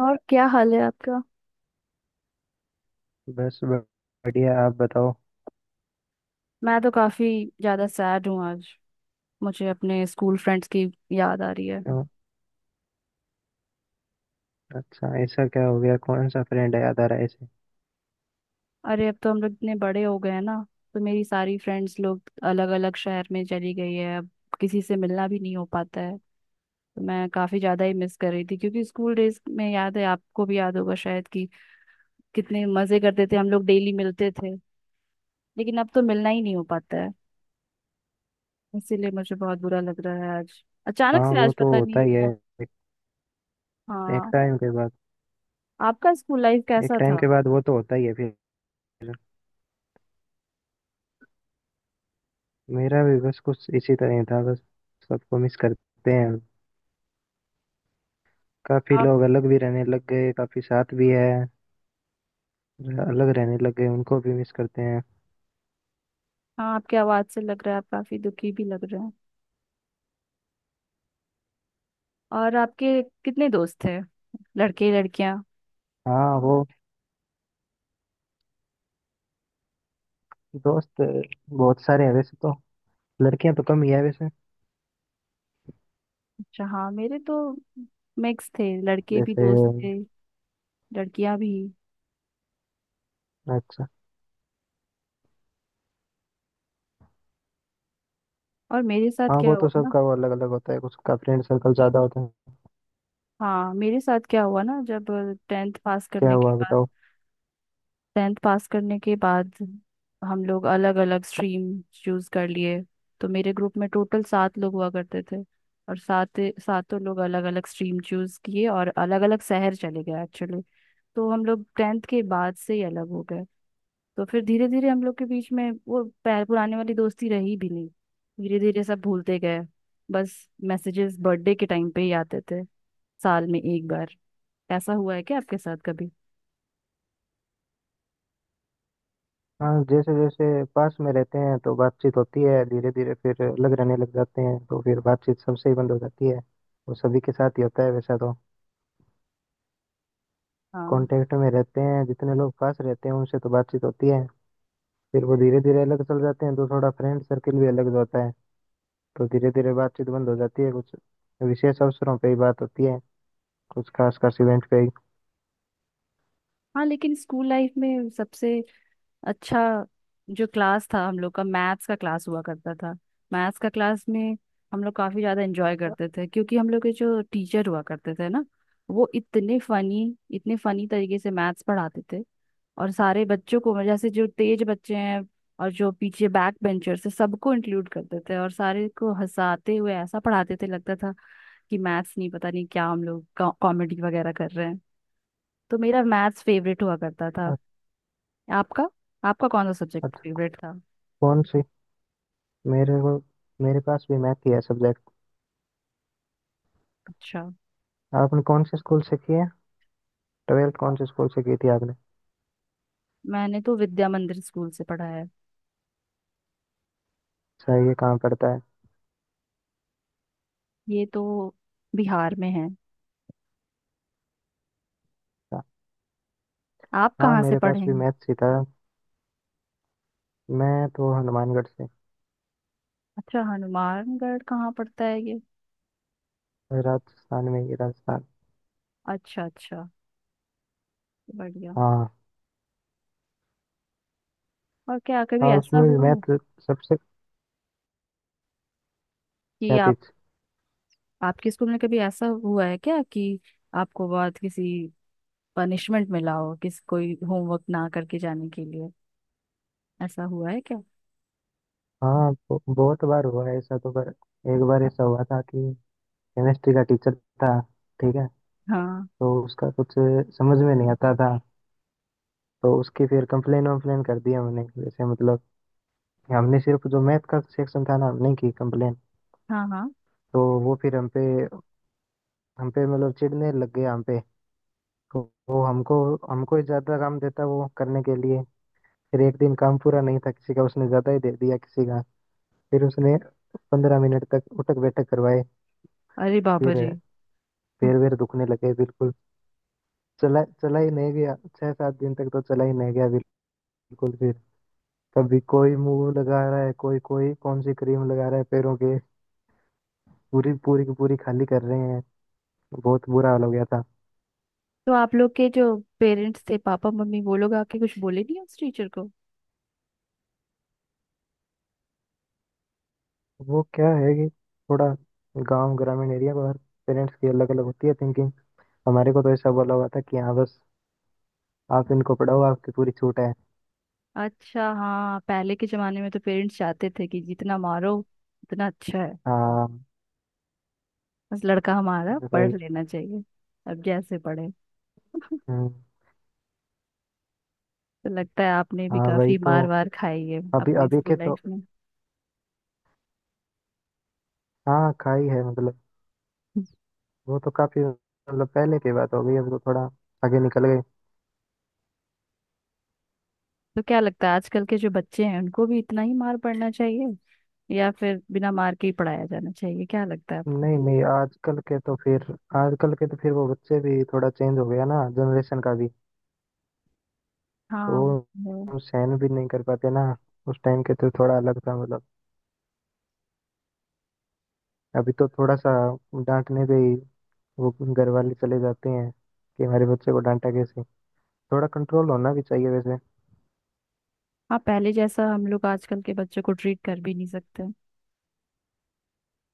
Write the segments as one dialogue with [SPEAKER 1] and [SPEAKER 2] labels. [SPEAKER 1] और क्या हाल है आपका।
[SPEAKER 2] बस बढ़िया। आप बताओ।
[SPEAKER 1] मैं तो काफी ज्यादा सैड हूँ आज। मुझे अपने स्कूल फ्रेंड्स की याद आ रही है।
[SPEAKER 2] क्यों? अच्छा, ऐसा क्या हो गया? कौन सा फ्रेंड है याद आ रहा है ऐसे?
[SPEAKER 1] अरे अब तो हम लोग इतने बड़े हो गए हैं ना, तो मेरी सारी फ्रेंड्स लोग अलग अलग शहर में चली गई है अब। किसी से मिलना भी नहीं हो पाता है, तो मैं काफी ज्यादा ही मिस कर रही थी, क्योंकि स्कूल डेज में याद है, आपको भी याद होगा शायद कि कितने मजे करते थे हम लोग, डेली मिलते थे। लेकिन अब तो मिलना ही नहीं हो पाता है। इसीलिए मुझे बहुत बुरा लग रहा है आज, अचानक
[SPEAKER 2] हाँ
[SPEAKER 1] से
[SPEAKER 2] वो
[SPEAKER 1] आज
[SPEAKER 2] तो
[SPEAKER 1] पता नहीं।
[SPEAKER 2] होता ही है। एक, एक
[SPEAKER 1] हाँ,
[SPEAKER 2] टाइम के बाद
[SPEAKER 1] आपका स्कूल लाइफ
[SPEAKER 2] एक
[SPEAKER 1] कैसा
[SPEAKER 2] टाइम के बाद वो तो होता ही है फिर। मेरा भी बस कुछ इसी तरह ही था। बस सबको मिस करते हैं। काफी
[SPEAKER 1] था।
[SPEAKER 2] लोग अलग भी रहने लग गए, काफी साथ भी है। अलग रहने लग गए उनको भी मिस करते हैं।
[SPEAKER 1] हाँ, आपकी आवाज से लग रहा है, आप काफी दुखी भी लग रहे हैं। और आपके कितने दोस्त थे, लड़के लड़कियां।
[SPEAKER 2] हाँ वो दोस्त बहुत सारे हैं वैसे तो। लड़कियां तो कम ही है वैसे।
[SPEAKER 1] अच्छा, हाँ मेरे तो मिक्स थे, लड़के भी
[SPEAKER 2] जैसे।
[SPEAKER 1] दोस्त थे, लड़कियां भी।
[SPEAKER 2] अच्छा।
[SPEAKER 1] और मेरे साथ
[SPEAKER 2] हाँ
[SPEAKER 1] क्या
[SPEAKER 2] वो
[SPEAKER 1] हुआ
[SPEAKER 2] तो
[SPEAKER 1] ना।
[SPEAKER 2] सबका वो अलग अलग होता है। उसका फ्रेंड सर्कल ज्यादा होता है।
[SPEAKER 1] हाँ, मेरे साथ क्या हुआ ना, जब टेंथ पास
[SPEAKER 2] क्या
[SPEAKER 1] करने के
[SPEAKER 2] हुआ
[SPEAKER 1] बाद
[SPEAKER 2] बताओ?
[SPEAKER 1] टेंथ पास करने के बाद हम लोग अलग अलग स्ट्रीम चूज कर लिए। तो मेरे ग्रुप में टोटल सात लोग हुआ करते थे, और सातों लोग अलग अलग स्ट्रीम चूज किए और अलग अलग शहर चले गए एक्चुअली। तो हम लोग टेंथ के बाद से ही अलग हो गए। तो फिर धीरे धीरे हम लोग के बीच में वो पुराने वाली दोस्ती रही भी नहीं। धीरे धीरे सब भूलते गए। बस मैसेजेस बर्थडे के टाइम पे ही आते थे, साल में एक बार। ऐसा हुआ है क्या आपके साथ कभी।
[SPEAKER 2] हाँ, जैसे जैसे पास में रहते हैं तो बातचीत होती है, धीरे धीरे फिर अलग रहने लग जाते हैं तो फिर बातचीत सबसे ही बंद हो जाती है। वो सभी के साथ ही होता है वैसा तो।
[SPEAKER 1] हाँ
[SPEAKER 2] कांटेक्ट में रहते हैं, जितने लोग पास रहते हैं उनसे तो बातचीत होती है। फिर वो धीरे धीरे अलग चल जाते हैं तो थोड़ा फ्रेंड सर्किल भी अलग होता है। तो धीरे धीरे बातचीत बंद हो जाती है। कुछ विशेष अवसरों पे ही बात होती है, कुछ खास खास इवेंट पे ही।
[SPEAKER 1] हाँ। लेकिन स्कूल लाइफ में सबसे अच्छा जो क्लास था हम लोग का, मैथ्स का क्लास हुआ करता था। मैथ्स का क्लास में हम लोग काफी ज्यादा एंजॉय करते थे, क्योंकि हम लोग के जो टीचर हुआ करते थे ना, वो इतने फनी तरीके से मैथ्स पढ़ाते थे। और सारे बच्चों को, जैसे जो तेज बच्चे हैं और जो पीछे बैक बेंचर्स है, सबको इंक्लूड करते थे, और सारे को हंसाते हुए ऐसा पढ़ाते थे, लगता था कि मैथ्स नहीं, पता नहीं क्या, हम लोग कॉमेडी वगैरह कर रहे हैं। तो मेरा मैथ्स फेवरेट हुआ करता था।
[SPEAKER 2] अ-
[SPEAKER 1] आपका आपका कौन सा सब्जेक्ट
[SPEAKER 2] अच्छा,
[SPEAKER 1] फेवरेट था।
[SPEAKER 2] कौन सी, मेरे को, मेरे पास भी मैथ ही है सब्जेक्ट।
[SPEAKER 1] अच्छा,
[SPEAKER 2] आपने कौन से स्कूल से किया? ट्वेल्थ कौन से स्कूल से की थी आपने?
[SPEAKER 1] मैंने तो विद्या मंदिर स्कूल से पढ़ा है।
[SPEAKER 2] सही है, कहाँ पड़ता है?
[SPEAKER 1] ये तो बिहार में है।
[SPEAKER 2] अच्छा।
[SPEAKER 1] आप
[SPEAKER 2] हाँ
[SPEAKER 1] कहाँ से
[SPEAKER 2] मेरे
[SPEAKER 1] पढ़े
[SPEAKER 2] पास भी
[SPEAKER 1] हैं।
[SPEAKER 2] मैथ्स ही था। मैं तो हनुमानगढ़ से।
[SPEAKER 1] अच्छा, हनुमानगढ़ कहाँ पड़ता है ये।
[SPEAKER 2] राजस्थान में ही, राजस्थान।
[SPEAKER 1] अच्छा अच्छा, बढ़िया।
[SPEAKER 2] हाँ।
[SPEAKER 1] और क्या कभी
[SPEAKER 2] हाँ,
[SPEAKER 1] ऐसा
[SPEAKER 2] उसमें भी
[SPEAKER 1] हुआ है
[SPEAKER 2] मैथ सबसे।
[SPEAKER 1] कि
[SPEAKER 2] क्या
[SPEAKER 1] आप,
[SPEAKER 2] चीज?
[SPEAKER 1] आपके स्कूल में कभी ऐसा हुआ है क्या कि आपको बहुत किसी पनिशमेंट मिला हो, किस कोई होमवर्क ना करके जाने के लिए। ऐसा हुआ है क्या।
[SPEAKER 2] हाँ बहुत बार हुआ है ऐसा तो, पर एक बार ऐसा हुआ था कि केमिस्ट्री का टीचर था, ठीक है।
[SPEAKER 1] हाँ
[SPEAKER 2] तो उसका कुछ समझ में नहीं आता था, तो उसकी फिर कंप्लेन वम्प्लेन कर दी हमने। जैसे मतलब हमने सिर्फ जो मैथ का सेक्शन था ना, हमने की कंप्लेन।
[SPEAKER 1] हाँ हाँ।
[SPEAKER 2] तो वो फिर हम पे मतलब चिढ़ने लग गए हम पे। तो वो हमको हमको ही ज्यादा काम देता वो करने के लिए। फिर एक दिन काम पूरा नहीं था किसी का, उसने ज्यादा ही दे दिया किसी का। फिर उसने 15 मिनट तक उठक बैठक करवाए।
[SPEAKER 1] अरे बाबा रे।
[SPEAKER 2] फिर पैर वैर दुखने लगे बिल्कुल, चला चला ही नहीं गया, 6-7 दिन तक तो चला ही नहीं गया बिल्कुल। फिर कभी कोई मुंह लगा रहा है, कोई कोई कौन सी क्रीम लगा रहा है पैरों के, पूरी पूरी की पूरी खाली कर रहे हैं। बहुत बुरा हाल हो गया था।
[SPEAKER 1] तो आप लोग के जो पेरेंट्स थे, पापा मम्मी, वो लोग आके कुछ बोले नहीं उस टीचर को।
[SPEAKER 2] वो क्या है कि थोड़ा गांव ग्रामीण एरिया पर पेरेंट्स की अलग अलग होती है थिंकिंग। हमारे को तो ऐसा बोला हुआ था कि हाँ बस आप इनको पढ़ाओ, आपकी पूरी छूट है।
[SPEAKER 1] अच्छा, हाँ पहले के जमाने में तो पेरेंट्स चाहते थे कि जितना मारो उतना अच्छा है।
[SPEAKER 2] हाँ
[SPEAKER 1] बस लड़का हमारा पढ़
[SPEAKER 2] भाई।
[SPEAKER 1] लेना चाहिए, अब जैसे पढ़े।
[SPEAKER 2] हम्म।
[SPEAKER 1] तो लगता है आपने भी
[SPEAKER 2] हाँ भाई
[SPEAKER 1] काफी
[SPEAKER 2] तो,
[SPEAKER 1] मार वार खाई है
[SPEAKER 2] अभी
[SPEAKER 1] अपने
[SPEAKER 2] अभी
[SPEAKER 1] स्कूल
[SPEAKER 2] के
[SPEAKER 1] लाइफ
[SPEAKER 2] तो,
[SPEAKER 1] में।
[SPEAKER 2] हाँ खाई है मतलब। वो तो काफी मतलब पहले की बात हो गई, अब तो थोड़ा आगे निकल गए।
[SPEAKER 1] तो क्या लगता है, आजकल के जो बच्चे हैं उनको भी इतना ही मार पड़ना चाहिए, या फिर बिना मार के ही पढ़ाया जाना चाहिए, क्या लगता है आपको।
[SPEAKER 2] नहीं नहीं, आजकल के तो फिर, आजकल के तो फिर वो बच्चे भी थोड़ा चेंज हो गया ना जनरेशन का भी, तो
[SPEAKER 1] हाँ, वो-
[SPEAKER 2] वो सहन भी नहीं कर पाते ना। उस टाइम के तो थोड़ा अलग था मतलब, अभी तो थोड़ा सा डांटने पे ही वो घर वाले चले जाते हैं कि हमारे बच्चे को डांटा कैसे। थोड़ा कंट्रोल होना भी चाहिए वैसे।
[SPEAKER 1] हाँ पहले जैसा हम लोग आजकल के बच्चों को ट्रीट कर भी नहीं सकते,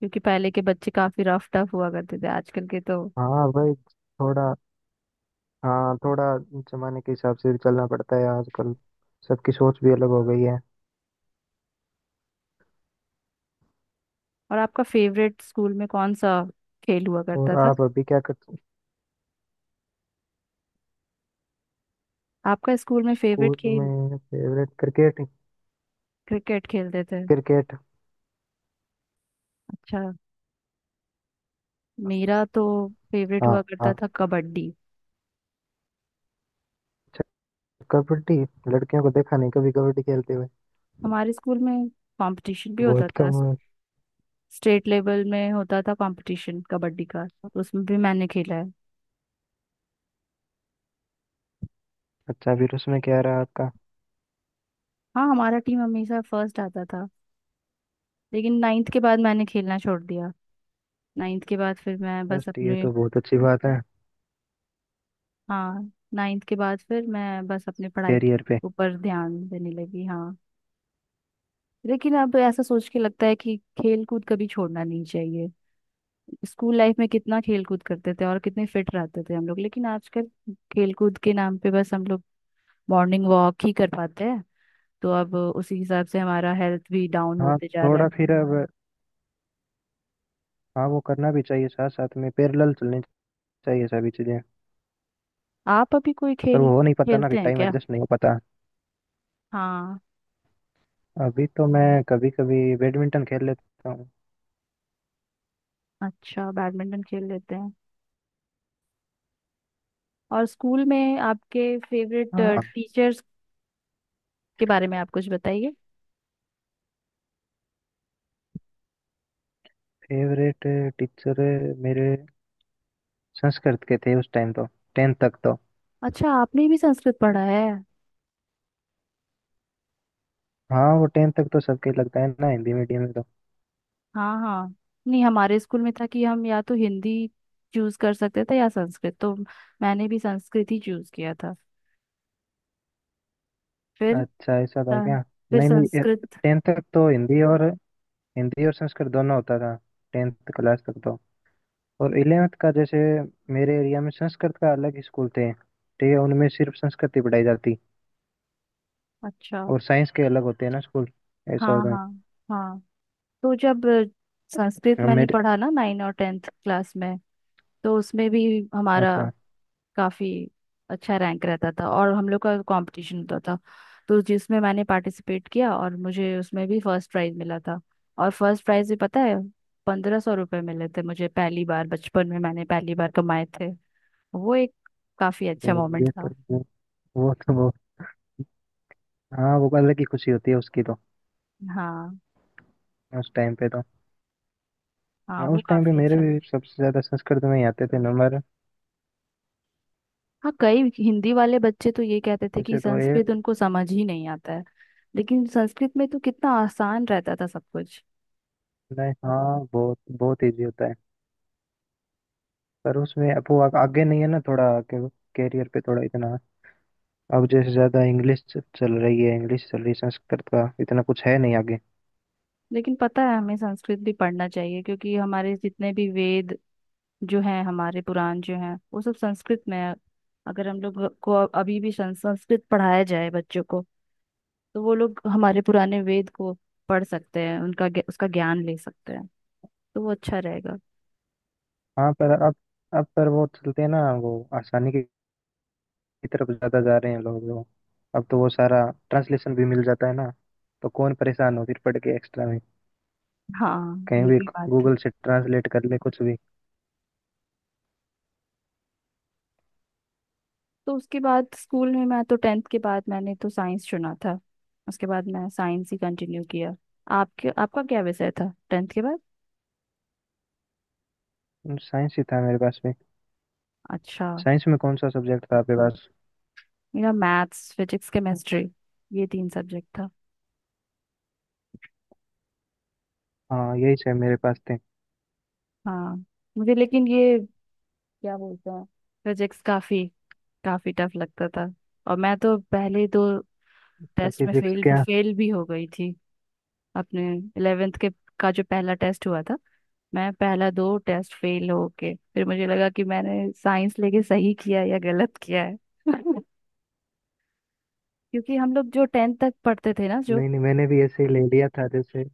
[SPEAKER 1] क्योंकि पहले के बच्चे काफी रफ टफ हुआ करते थे, आजकल के तो।
[SPEAKER 2] हाँ भाई। थोड़ा, हाँ थोड़ा जमाने के हिसाब से भी चलना पड़ता है आजकल। सबकी सोच भी अलग हो गई है।
[SPEAKER 1] और आपका फेवरेट स्कूल में कौन सा खेल हुआ
[SPEAKER 2] और
[SPEAKER 1] करता था।
[SPEAKER 2] आप अभी क्या करते?
[SPEAKER 1] आपका स्कूल में फेवरेट
[SPEAKER 2] स्कूल
[SPEAKER 1] खेल,
[SPEAKER 2] में फेवरेट क्रिकेट।
[SPEAKER 1] क्रिकेट खेलते थे।
[SPEAKER 2] क्रिकेट।
[SPEAKER 1] अच्छा, मेरा तो फेवरेट
[SPEAKER 2] हाँ।
[SPEAKER 1] हुआ करता
[SPEAKER 2] हाँ।
[SPEAKER 1] था कबड्डी।
[SPEAKER 2] अच्छा। कबड्डी, लड़कियों को देखा नहीं कभी कबड्डी खेलते हुए।
[SPEAKER 1] हमारे स्कूल में कंपटीशन भी होता
[SPEAKER 2] बहुत
[SPEAKER 1] था।
[SPEAKER 2] कम हुए।
[SPEAKER 1] स्टेट लेवल में होता था कंपटीशन कबड्डी का, तो उसमें भी मैंने खेला है।
[SPEAKER 2] अच्छा, फिर उसमें क्या रहा आपका?
[SPEAKER 1] हाँ, हमारा टीम हमेशा फर्स्ट आता था। लेकिन नाइन्थ के बाद मैंने खेलना छोड़ दिया। नाइन्थ के बाद फिर मैं बस
[SPEAKER 2] फर्स्ट, ये
[SPEAKER 1] अपने,
[SPEAKER 2] तो बहुत अच्छी बात है।
[SPEAKER 1] हाँ नाइन्थ के बाद फिर मैं बस अपनी पढ़ाई के
[SPEAKER 2] कैरियर पे।
[SPEAKER 1] ऊपर ध्यान देने लगी। हाँ, लेकिन अब ऐसा सोच के लगता है कि खेल कूद कभी छोड़ना नहीं चाहिए। स्कूल लाइफ में कितना खेल कूद करते थे और कितने फिट रहते थे हम लोग, लेकिन आजकल खेल कूद के नाम पे बस हम लोग मॉर्निंग वॉक ही कर पाते हैं। तो अब उसी हिसाब से हमारा हेल्थ भी डाउन
[SPEAKER 2] हाँ,
[SPEAKER 1] होते जा रहा है।
[SPEAKER 2] थोड़ा फिर अब, हाँ वो करना भी चाहिए, साथ साथ में पैरेलल चलनी चाहिए सभी चीजें।
[SPEAKER 1] आप अभी कोई
[SPEAKER 2] पर
[SPEAKER 1] खेल
[SPEAKER 2] वो हो नहीं पाता ना कि
[SPEAKER 1] खेलते हैं
[SPEAKER 2] टाइम
[SPEAKER 1] क्या।
[SPEAKER 2] एडजस्ट नहीं हो पाता।
[SPEAKER 1] हाँ,
[SPEAKER 2] अभी तो मैं कभी कभी बैडमिंटन खेल लेता हूँ।
[SPEAKER 1] अच्छा, बैडमिंटन खेल लेते हैं। और स्कूल में आपके फेवरेट
[SPEAKER 2] हाँ।
[SPEAKER 1] टीचर्स के बारे में आप कुछ बताइए।
[SPEAKER 2] फेवरेट टीचर मेरे संस्कृत के थे उस टाइम तो, टेंथ तक तो।
[SPEAKER 1] अच्छा, आपने भी संस्कृत पढ़ा है।
[SPEAKER 2] हाँ वो टेंथ तक तो सबके लगता है ना हिंदी मीडियम में तो।
[SPEAKER 1] हाँ हाँ, नहीं हमारे स्कूल में था कि हम या तो हिंदी चूज कर सकते थे या संस्कृत, तो मैंने भी संस्कृत ही चूज किया था। फिर
[SPEAKER 2] अच्छा, ऐसा था
[SPEAKER 1] सं-
[SPEAKER 2] क्या?
[SPEAKER 1] फिर
[SPEAKER 2] नहीं नहीं,
[SPEAKER 1] संस्कृत।
[SPEAKER 2] टेंथ तक तो हिंदी और, हिंदी और संस्कृत दोनों होता था टेंथ क्लास तक तो। और इलेवेंथ का जैसे, मेरे एरिया में संस्कृत का अलग ही स्कूल थे, ठीक है, उनमें सिर्फ संस्कृत ही पढ़ाई जाती।
[SPEAKER 1] अच्छा,
[SPEAKER 2] और साइंस के अलग होते हैं ना स्कूल, ऐसा
[SPEAKER 1] हाँ
[SPEAKER 2] होता है।
[SPEAKER 1] हाँ हाँ। तो जब संस्कृत
[SPEAKER 2] अब
[SPEAKER 1] मैंने
[SPEAKER 2] मेरे,
[SPEAKER 1] पढ़ा ना नाइन और टेंथ क्लास में, तो उसमें भी हमारा
[SPEAKER 2] अच्छा।
[SPEAKER 1] काफी अच्छा रैंक रहता था, और हम लोग का कंपटीशन होता था, तो जिसमें मैंने पार्टिसिपेट किया और मुझे उसमें भी फर्स्ट प्राइज मिला था। और फर्स्ट प्राइज भी पता है, 1500 रुपये मिले थे मुझे। पहली बार बचपन में मैंने पहली बार कमाए थे, वो एक काफी
[SPEAKER 2] अरे
[SPEAKER 1] अच्छा मोमेंट
[SPEAKER 2] ये
[SPEAKER 1] था।
[SPEAKER 2] तो, वो तो वो, हाँ वो अलग ही खुशी होती है उसकी तो,
[SPEAKER 1] हाँ,
[SPEAKER 2] उस टाइम पे तो।
[SPEAKER 1] हाँ
[SPEAKER 2] ना
[SPEAKER 1] वो
[SPEAKER 2] उस टाइम पे
[SPEAKER 1] काफी
[SPEAKER 2] मेरे
[SPEAKER 1] अच्छा था।
[SPEAKER 2] भी सबसे ज्यादा संस्कृत में ही आते थे नंबर।
[SPEAKER 1] हाँ कई हिंदी वाले बच्चे तो ये कहते थे कि
[SPEAKER 2] जैसे तो ये,
[SPEAKER 1] संस्कृत उनको समझ ही नहीं आता है, लेकिन संस्कृत में तो कितना आसान रहता था सब कुछ।
[SPEAKER 2] नहीं हाँ बहुत बहुत इजी होता है। पर उसमें अब वो आगे नहीं है ना थोड़ा कैरियर पे थोड़ा इतना। अब जैसे ज्यादा इंग्लिश चल रही है, इंग्लिश चल रही है, संस्कृत का इतना कुछ है नहीं आगे।
[SPEAKER 1] लेकिन पता है, हमें संस्कृत भी पढ़ना चाहिए, क्योंकि हमारे जितने भी वेद जो हैं, हमारे पुराण जो हैं, वो सब संस्कृत में है। अगर हम लोग को अभी भी संस्कृत पढ़ाया जाए बच्चों को, तो वो लोग हमारे पुराने वेद को पढ़ सकते हैं, उनका उसका ज्ञान ले सकते हैं, तो वो अच्छा रहेगा।
[SPEAKER 2] हाँ पर अब पर वो चलते हैं ना वो आसानी की तरफ ज्यादा जा रहे हैं लोग वो। अब तो वो सारा ट्रांसलेशन भी मिल जाता है ना, तो कौन परेशान हो फिर पढ़ के एक्स्ट्रा में।
[SPEAKER 1] हाँ,
[SPEAKER 2] कहीं
[SPEAKER 1] ये
[SPEAKER 2] भी
[SPEAKER 1] भी बात है।
[SPEAKER 2] गूगल से ट्रांसलेट कर ले कुछ भी।
[SPEAKER 1] तो उसके बाद स्कूल में, मैं तो टेंथ के बाद मैंने तो साइंस चुना था, उसके बाद मैं साइंस ही कंटिन्यू किया। आपके आपका क्या विषय था टेंथ के बाद।
[SPEAKER 2] साइंस ही था मेरे पास में।
[SPEAKER 1] अच्छा,
[SPEAKER 2] साइंस में कौन सा सब्जेक्ट था आपके पास?
[SPEAKER 1] मेरा मैथ्स फिजिक्स केमिस्ट्री, ये तीन सब्जेक्ट था।
[SPEAKER 2] हाँ यही से मेरे पास थे।
[SPEAKER 1] हाँ, मुझे लेकिन ये, क्या बोलते हैं, फिजिक्स काफी काफी टफ लगता था, और मैं तो पहले दो
[SPEAKER 2] अच्छा,
[SPEAKER 1] टेस्ट में
[SPEAKER 2] फिजिक्स
[SPEAKER 1] फेल भी
[SPEAKER 2] क्या?
[SPEAKER 1] फेल भी हो गई थी, अपने इलेवेंथ के का जो पहला टेस्ट हुआ था। मैं पहला दो टेस्ट फेल हो के फिर मुझे लगा कि मैंने साइंस लेके सही किया है या गलत किया है क्योंकि हम लोग जो टेंथ तक पढ़ते थे ना जो,
[SPEAKER 2] नहीं नहीं, मैंने भी ऐसे ही ले लिया था। जैसे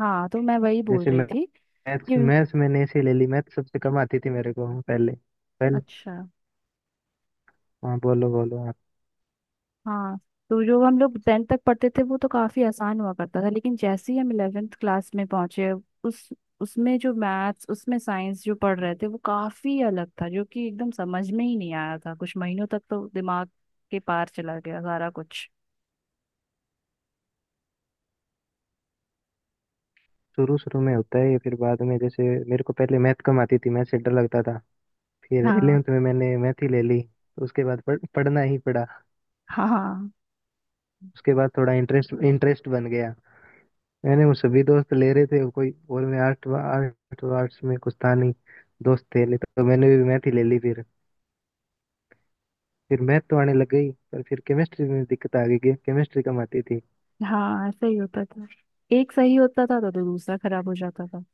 [SPEAKER 1] हाँ तो मैं वही बोल
[SPEAKER 2] जैसे,
[SPEAKER 1] रही थी कि,
[SPEAKER 2] मैथ्स मैथ्स मैंने ऐसे ही ले ली, मैथ्स सबसे कम आती थी मेरे को। हाँ, पहले पहले।
[SPEAKER 1] अच्छा
[SPEAKER 2] हाँ बोलो बोलो आप।
[SPEAKER 1] हाँ, तो जो हम लोग टेंथ तक पढ़ते थे वो तो काफी आसान हुआ करता था, लेकिन जैसे ही हम इलेवेंथ क्लास में पहुंचे, उस उसमें जो मैथ्स, उसमें साइंस जो पढ़ रहे थे वो काफी अलग था, जो कि एकदम समझ में ही नहीं आया था कुछ महीनों तक, तो दिमाग के पार चला गया सारा कुछ।
[SPEAKER 2] शुरू शुरू में होता है ये, फिर बाद में जैसे मेरे को पहले मैथ कम आती थी, मैथ से डर लगता था, फिर
[SPEAKER 1] हाँ
[SPEAKER 2] इलेवेंथ में मैंने मैथ ही ले ली तो उसके बाद पढ़ना ही पड़ा।
[SPEAKER 1] हाँ
[SPEAKER 2] उसके बाद थोड़ा इंटरेस्ट इंटरेस्ट बन गया। मैंने वो सभी दोस्त ले रहे थे कोई और, मैं आर्ट आर्ट आर्ट्स में कुछ था नहीं, दोस्त थे नहीं तो मैंने भी मैथ ही ले ली फिर। फिर मैथ तो आने लग गई, पर फिर केमिस्ट्री में दिक्कत आ गई कि केमिस्ट्री कम आती थी।
[SPEAKER 1] हाँ, ऐसा ही होता था। एक सही होता था तो दूसरा खराब हो जाता था।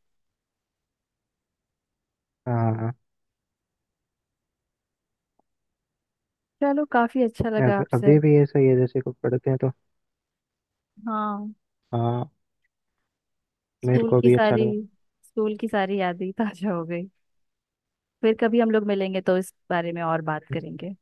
[SPEAKER 2] हाँ,
[SPEAKER 1] चलो, काफी अच्छा लगा
[SPEAKER 2] अब
[SPEAKER 1] आपसे।
[SPEAKER 2] अभी भी ऐसा ही है जैसे को पढ़ते हैं तो।
[SPEAKER 1] हाँ,
[SPEAKER 2] हाँ। मेरे
[SPEAKER 1] स्कूल
[SPEAKER 2] को
[SPEAKER 1] की
[SPEAKER 2] भी अच्छा
[SPEAKER 1] सारी
[SPEAKER 2] लगा।
[SPEAKER 1] स्कूल की सारी यादें ताजा हो गई। फिर कभी हम लोग मिलेंगे तो इस बारे में और बात करेंगे।